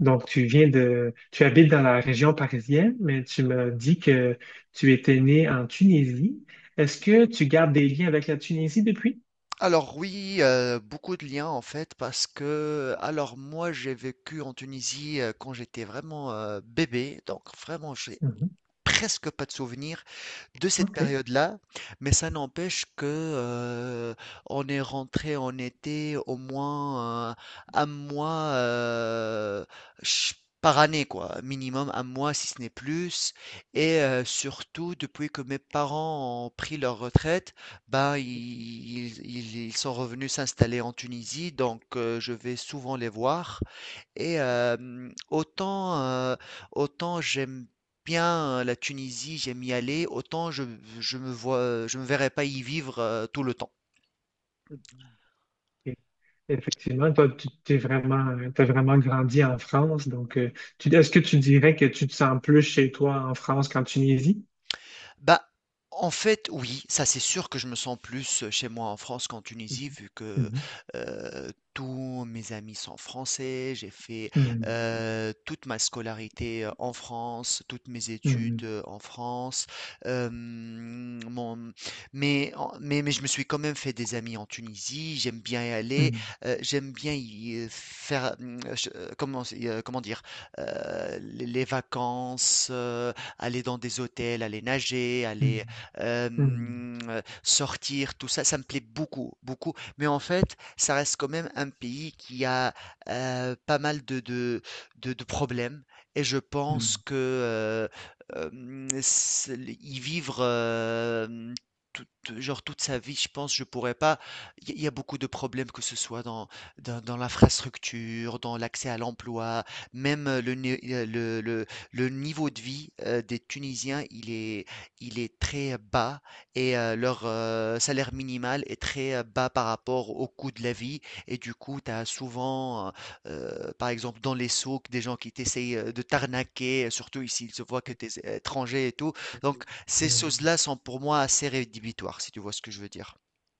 Donc, tu habites dans la région parisienne, mais tu me dis que tu étais né en Tunisie. Est-ce que tu gardes des liens avec la Tunisie depuis? Alors oui, beaucoup de liens en fait parce que alors moi j'ai vécu en Tunisie, quand j'étais vraiment bébé, donc vraiment j'ai Mhm. presque pas de souvenirs de cette OK. période-là, mais ça n'empêche que on est rentré en été au moins un mois, ch- par année, quoi, minimum un mois si ce n'est plus. Et surtout, depuis que mes parents ont pris leur retraite, ben ils sont revenus s'installer en Tunisie, donc je vais souvent les voir. Et autant j'aime bien, la Tunisie, j'aime y aller, autant je me vois, je me verrais pas y vivre tout le temps. OK. Effectivement, toi, t'as vraiment grandi en France. Donc, est-ce que tu dirais que tu te sens plus chez toi en France qu'en Tunisie? Bah, en fait, oui, ça c'est sûr que je me sens plus chez moi en France qu'en Tunisie, Mhm. vu que tous mes amis sont français, j'ai fait Mhm. Toute ma scolarité en France, toutes mes études Mhm. En France. euh, mon- mais je me suis quand même fait des amis en Tunisie, j'aime bien y aller, Mhm. J'aime bien y faire, je- comment, c'est- comment dire, les vacances, aller dans des hôtels, aller nager, aller Mhm. Mhm. Sortir, tout ça, ça me plaît beaucoup, beaucoup. Mais en fait, ça reste quand même un pays qui a, pas mal de problèmes et je pense Mhm. que s l y vivre, toute toute sa vie, je pense, je pourrais pas. Il y a beaucoup de problèmes, que ce soit dans dans l'infrastructure, dans l'accès à l'emploi, même, le né le niveau de vie des Tunisiens, il est très bas et leur salaire minimal est très bas par rapport au coût de la vie. Et du coup, tu as souvent, par exemple, dans les souks, des gens qui t'essayent de t'arnaquer, surtout ici, ils se voient que tu es étranger et tout. Donc, Mhm. ces Mhm. choses-là sont pour moi assez rédhibitoires, si tu vois ce que je veux dire.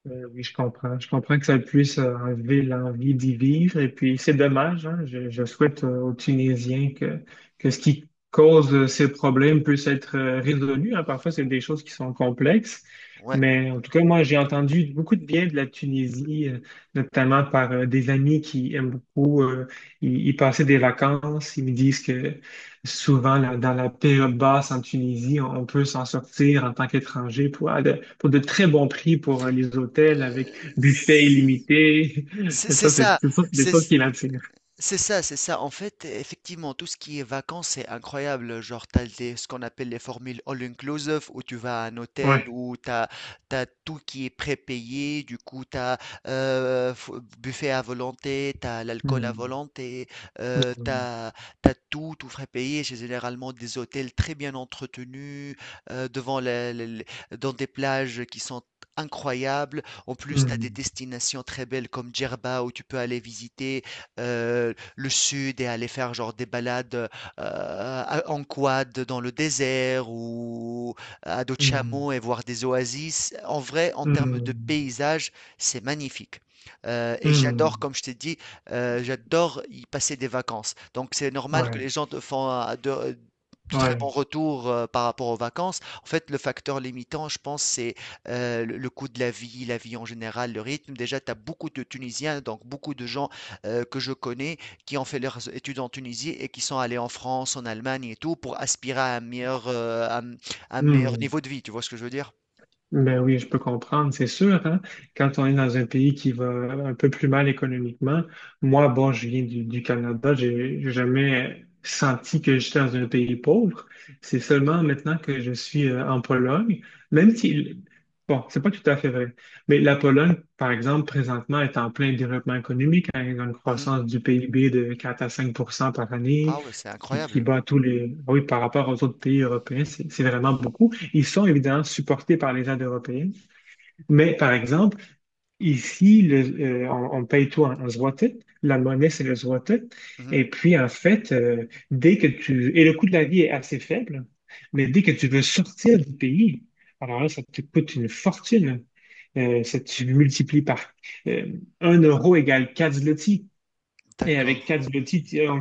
Oui, je comprends. Je comprends que ça puisse enlever l'envie d'y vivre. Et puis, c'est dommage, hein. Je souhaite aux Tunisiens que ce qui cause ces problèmes puisse être résolu, hein. Parfois, c'est Oh, des choses qui sont complexes. ouais. Mais en tout cas, moi, j'ai entendu beaucoup de bien de la Tunisie, notamment par des amis qui aiment beaucoup y passer des vacances. Ils me disent que souvent, là, dans la période basse en Tunisie, on peut s'en sortir en tant qu'étranger pour de très bons prix pour les hôtels avec Euh, buffet illimité. c'est Et c'est ça, c'est ça. c'est ça, c'est des C'est choses qui l'attirent. C'est ça, c'est ça. En fait, effectivement, tout ce qui est vacances, c'est incroyable. Genre, ce qu'on appelle les formules all-inclusive, où tu vas à un hôtel, Ouais. T'as tout qui est prépayé. Du coup, t'as buffet à volonté, t'as l'alcool à Hmm. volonté, euh, Hmm. t'as, t'as tout, tout frais payé. C'est généralement des hôtels très bien entretenus, devant la- la- la- dans des plages qui sont incroyables. En plus, t'as des Hmm. destinations très belles comme Djerba, où tu peux aller visiter le sud et aller faire genre des balades, en quad dans le désert ou à dos de Hmm. chameau et voir des oasis. En vrai, en termes de Hmm. paysage, c'est magnifique. Et j'adore, Hmm. comme je t'ai dit, j'adore y passer des vacances. Donc c'est normal que les Ouais. gens te font de très bons Ouais. retours par rapport aux vacances. En fait, le facteur limitant, je pense, c'est le coût de la vie en général, le rythme. Déjà, tu as beaucoup de Tunisiens, donc beaucoup de gens que je connais qui ont fait leurs études en Tunisie et qui sont allés en France, en Allemagne et tout pour aspirer à un un meilleur Hmm. niveau de vie. Tu vois ce que je veux dire? Ben oui, je peux comprendre, c'est sûr, hein. Quand on est dans un pays qui va un peu plus mal économiquement, moi, bon, je viens du Canada, j'ai jamais senti que j'étais dans un pays pauvre. C'est seulement maintenant que je suis en Pologne, même si, bon, c'est pas tout à fait vrai, mais la Pologne, par exemple, présentement, est en plein développement économique, hein, ils ont une Mhm. croissance du PIB de 4 à 5 par Ah année, ouais, c'est qui incroyable. bat tous les, oui, par rapport aux autres pays européens, c'est vraiment beaucoup. Ils sont évidemment supportés par les aides européennes, mais par exemple, ici, on paye tout en zloty. La monnaie, c'est le zloty. Mhm. Et puis, en fait, Et le coût de la vie est assez faible, mais dès que tu veux sortir du pays, alors là, ça te coûte une fortune. Ça, tu multiplies par euh, 1 euro égale 4 zloty. Et D'accord. avec quatre outils,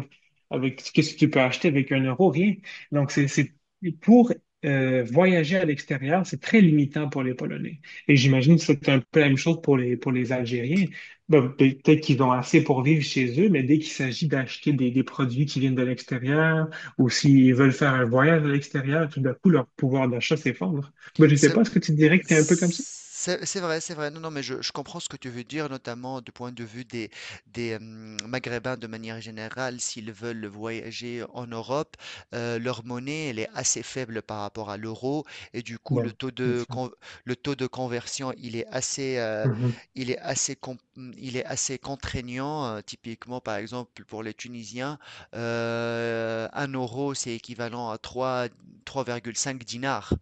avec qu'est-ce que tu peux acheter avec un euro? Rien. Donc, c'est pour voyager à l'extérieur, c'est très limitant pour les Polonais. Et j'imagine que c'est un peu la même chose pour les Algériens. Ben, peut-être qu'ils ont assez pour vivre chez eux, mais dès qu'il s'agit d'acheter des produits qui viennent de l'extérieur, ou s'ils veulent faire un voyage à l'extérieur, tout d'un coup, leur pouvoir d'achat s'effondre. Ben, je ne sais pas, est-ce que tu dirais que c'est un peu comme ça? C'est vrai, c'est vrai. Non, non, mais je comprends ce que tu veux dire, notamment du point de vue des Maghrébins de manière générale, s'ils veulent voyager en Europe, leur monnaie, elle est assez faible par rapport à l'euro, et du coup, Bon, c'est ça. Le taux de conversion, Mhm. il est assez, com- il est assez contraignant. Euh, typiquement, par exemple, pour les Tunisiens, un euro, c'est équivalent à trois virgule cinq dinars.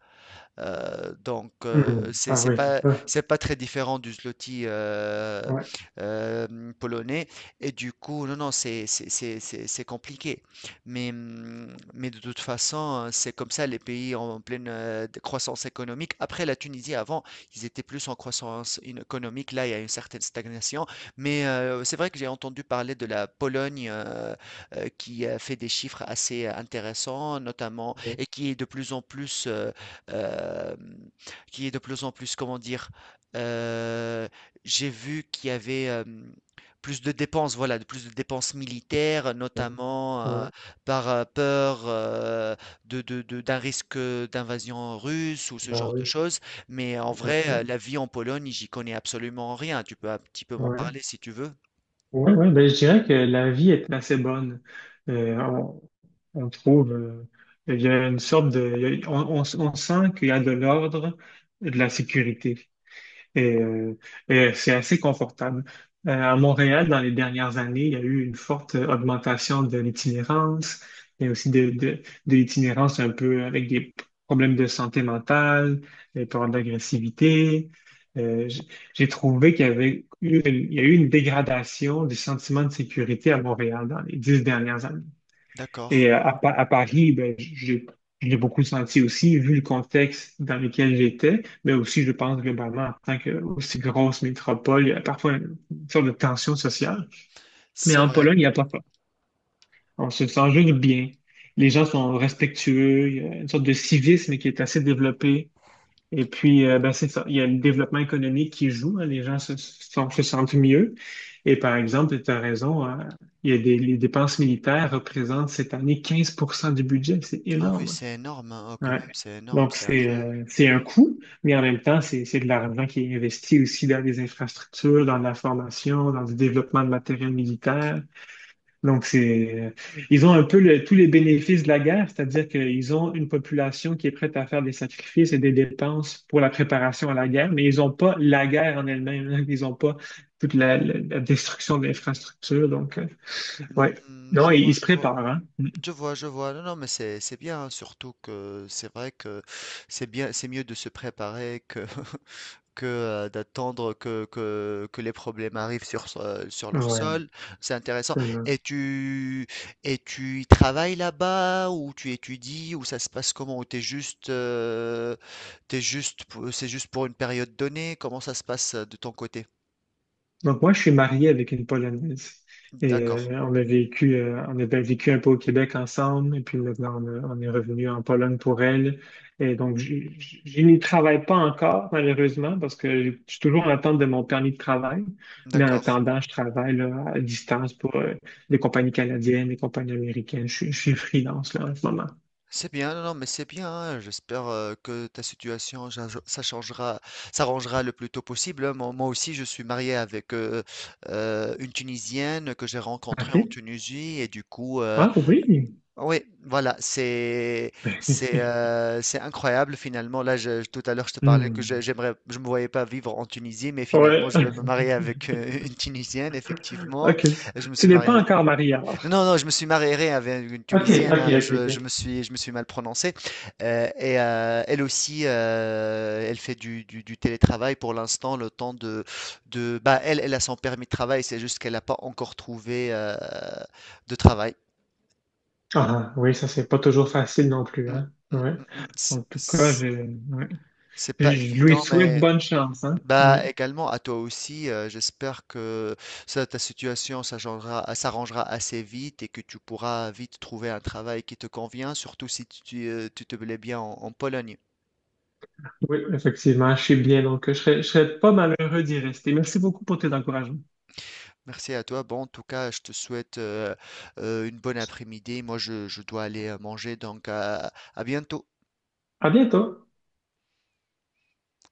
Donc, Mhm. Ah oui, c'est ça. c'est pas très différent du zloty Ouais. Polonais. Et du coup, non, non, c'est compliqué. Mais de toute façon, c'est comme ça, les pays en pleine croissance économique. Après, la Tunisie, avant, ils étaient plus en croissance économique. Là, il y a une certaine stagnation. Mais c'est vrai que j'ai entendu parler de la Pologne, qui a fait des chiffres assez intéressants, notamment, et Heu, qui est de plus en plus, comment dire? Heu, j'ai vu qu'il y avait, plus de dépenses, voilà, de plus de dépenses militaires, Ouais. notamment, Ouais. Peur, de d'un risque, d'invasion russe ou ce Bah genre de oui, choses. Mais en tout à vrai, fait. la vie en Pologne, j'y connais absolument rien. Tu peux un petit peu m'en Ouais. parler si tu veux? Ouais, ouais, ben, je dirais que la vie est assez bonne. Euh, on, on trouve. Il y a- on sent qu'il y a de l'ordre et de la sécurité. Et, euh, et c'est assez confortable. À Montréal, dans les dernières années, il y a eu une forte augmentation de l'itinérance, mais aussi de l'itinérance un peu avec des problèmes de santé mentale, des problèmes d'agressivité. Euh, j- j'ai trouvé qu'il y avait eu une, il y a eu une dégradation du sentiment de sécurité à Montréal dans les 10 dernières années. Et D'accord, à Paris, ben, j'ai beaucoup senti aussi, vu le contexte dans lequel j'étais, mais aussi, je pense, globalement, en tant que aussi grosse métropole, il y a parfois une sorte de tension sociale. Mais c'est en vrai. Pologne, il n'y a pas ça. On se sent juste bien. Les gens sont respectueux. Il y a une sorte de civisme qui est assez développé. Et puis, ben, c'est ça. Il y a le développement économique qui joue, hein. Les gens se sentent mieux. Et par exemple, tu as raison, hein, il y a des, les dépenses militaires représentent cette année 15 du budget. C'est Ah oui, énorme, c'est énorme, hein. Oh, quand hein. Ouais. même, c'est énorme, Donc, c'est c'est incroyable. euh, c'est un coût, mais en même temps, c'est de l'argent qui est investi aussi dans les infrastructures, dans la formation, dans le développement de matériel militaire. Donc, c'est, ils ont un peu le- tous les bénéfices de la guerre, c'est-à-dire qu'ils ont une population qui est prête à faire des sacrifices et des dépenses pour la préparation à la guerre, mais ils n'ont pas la guerre en elle-même, hein. Ils n'ont pas toute la destruction de l'infrastructure. Donc, ouais. Mmh, Non, je ils, vois, ils se je vois. préparent, hein. Je vois, je vois. Non, non, mais c'est bien, hein, surtout que c'est vrai que c'est bien, c'est mieux de se préparer que que d'attendre que, que les problèmes arrivent sur leur Ouais. sol. C'est intéressant. Et tu et tu y travailles là-bas ou tu étudies ou ça se passe comment? Ou t'es juste, t'es juste c'est juste pour une période donnée? Comment ça se passe, de ton côté? Donc moi, je suis marié avec une Polonaise. Et D'accord, on a bien vécu un peu au Québec ensemble, et puis maintenant on est revenu en Pologne pour elle. Et donc je n'y travaille pas encore, malheureusement, parce que je suis toujours en attente de mon permis de travail. Mais en d'accord. attendant, je travaille là, à distance pour des compagnies canadiennes, des compagnies américaines. Je suis freelance là, en ce moment. C'est bien, non, non, mais c'est bien, hein. J'espère que ta situation ça changera, s'arrangera le plus tôt possible, hein. Moi, moi aussi, je suis marié avec, une Tunisienne que j'ai rencontrée en OK. Tunisie, et du coup, Ah oui. oui, voilà, c'est incroyable finalement. Là, tout à l'heure, je te parlais que Hmm. j'aimerais, je me voyais pas vivre en Tunisie, mais finalement, Ouais. je veux me marier avec une Tunisienne, effectivement. OK. Je me Tu suis n'es pas marié encore marié alors. Non, non, je me suis marié avec une OK, Tunisienne, OK, hein, OK, OK. Je me suis mal prononcé. Et elle aussi, elle fait du télétravail pour l'instant, le temps bah, elle a son permis de travail, c'est juste qu'elle n'a pas encore trouvé de travail. Ah, oui, ça, c'est pas toujours facile non plus, Mm, hein? mm, Ouais. mm, mm, C'est En tout cas, c'est- ouais. c'est pas Je lui évident, souhaite mais bonne chance, hein? bah Ouais. également à toi aussi, j'espère que ça, ta situation s'arrangera, s'arrangera assez vite et que tu pourras vite trouver un travail qui te convient, surtout si tu, tu te plais bien en, en Pologne. Oui, effectivement, je suis bien, donc je serais pas malheureux d'y rester. Merci beaucoup pour tes encouragements. Merci à toi. Bon, en tout cas, je te souhaite une bonne après-midi. Moi, je dois aller manger, donc à bientôt. À bientôt!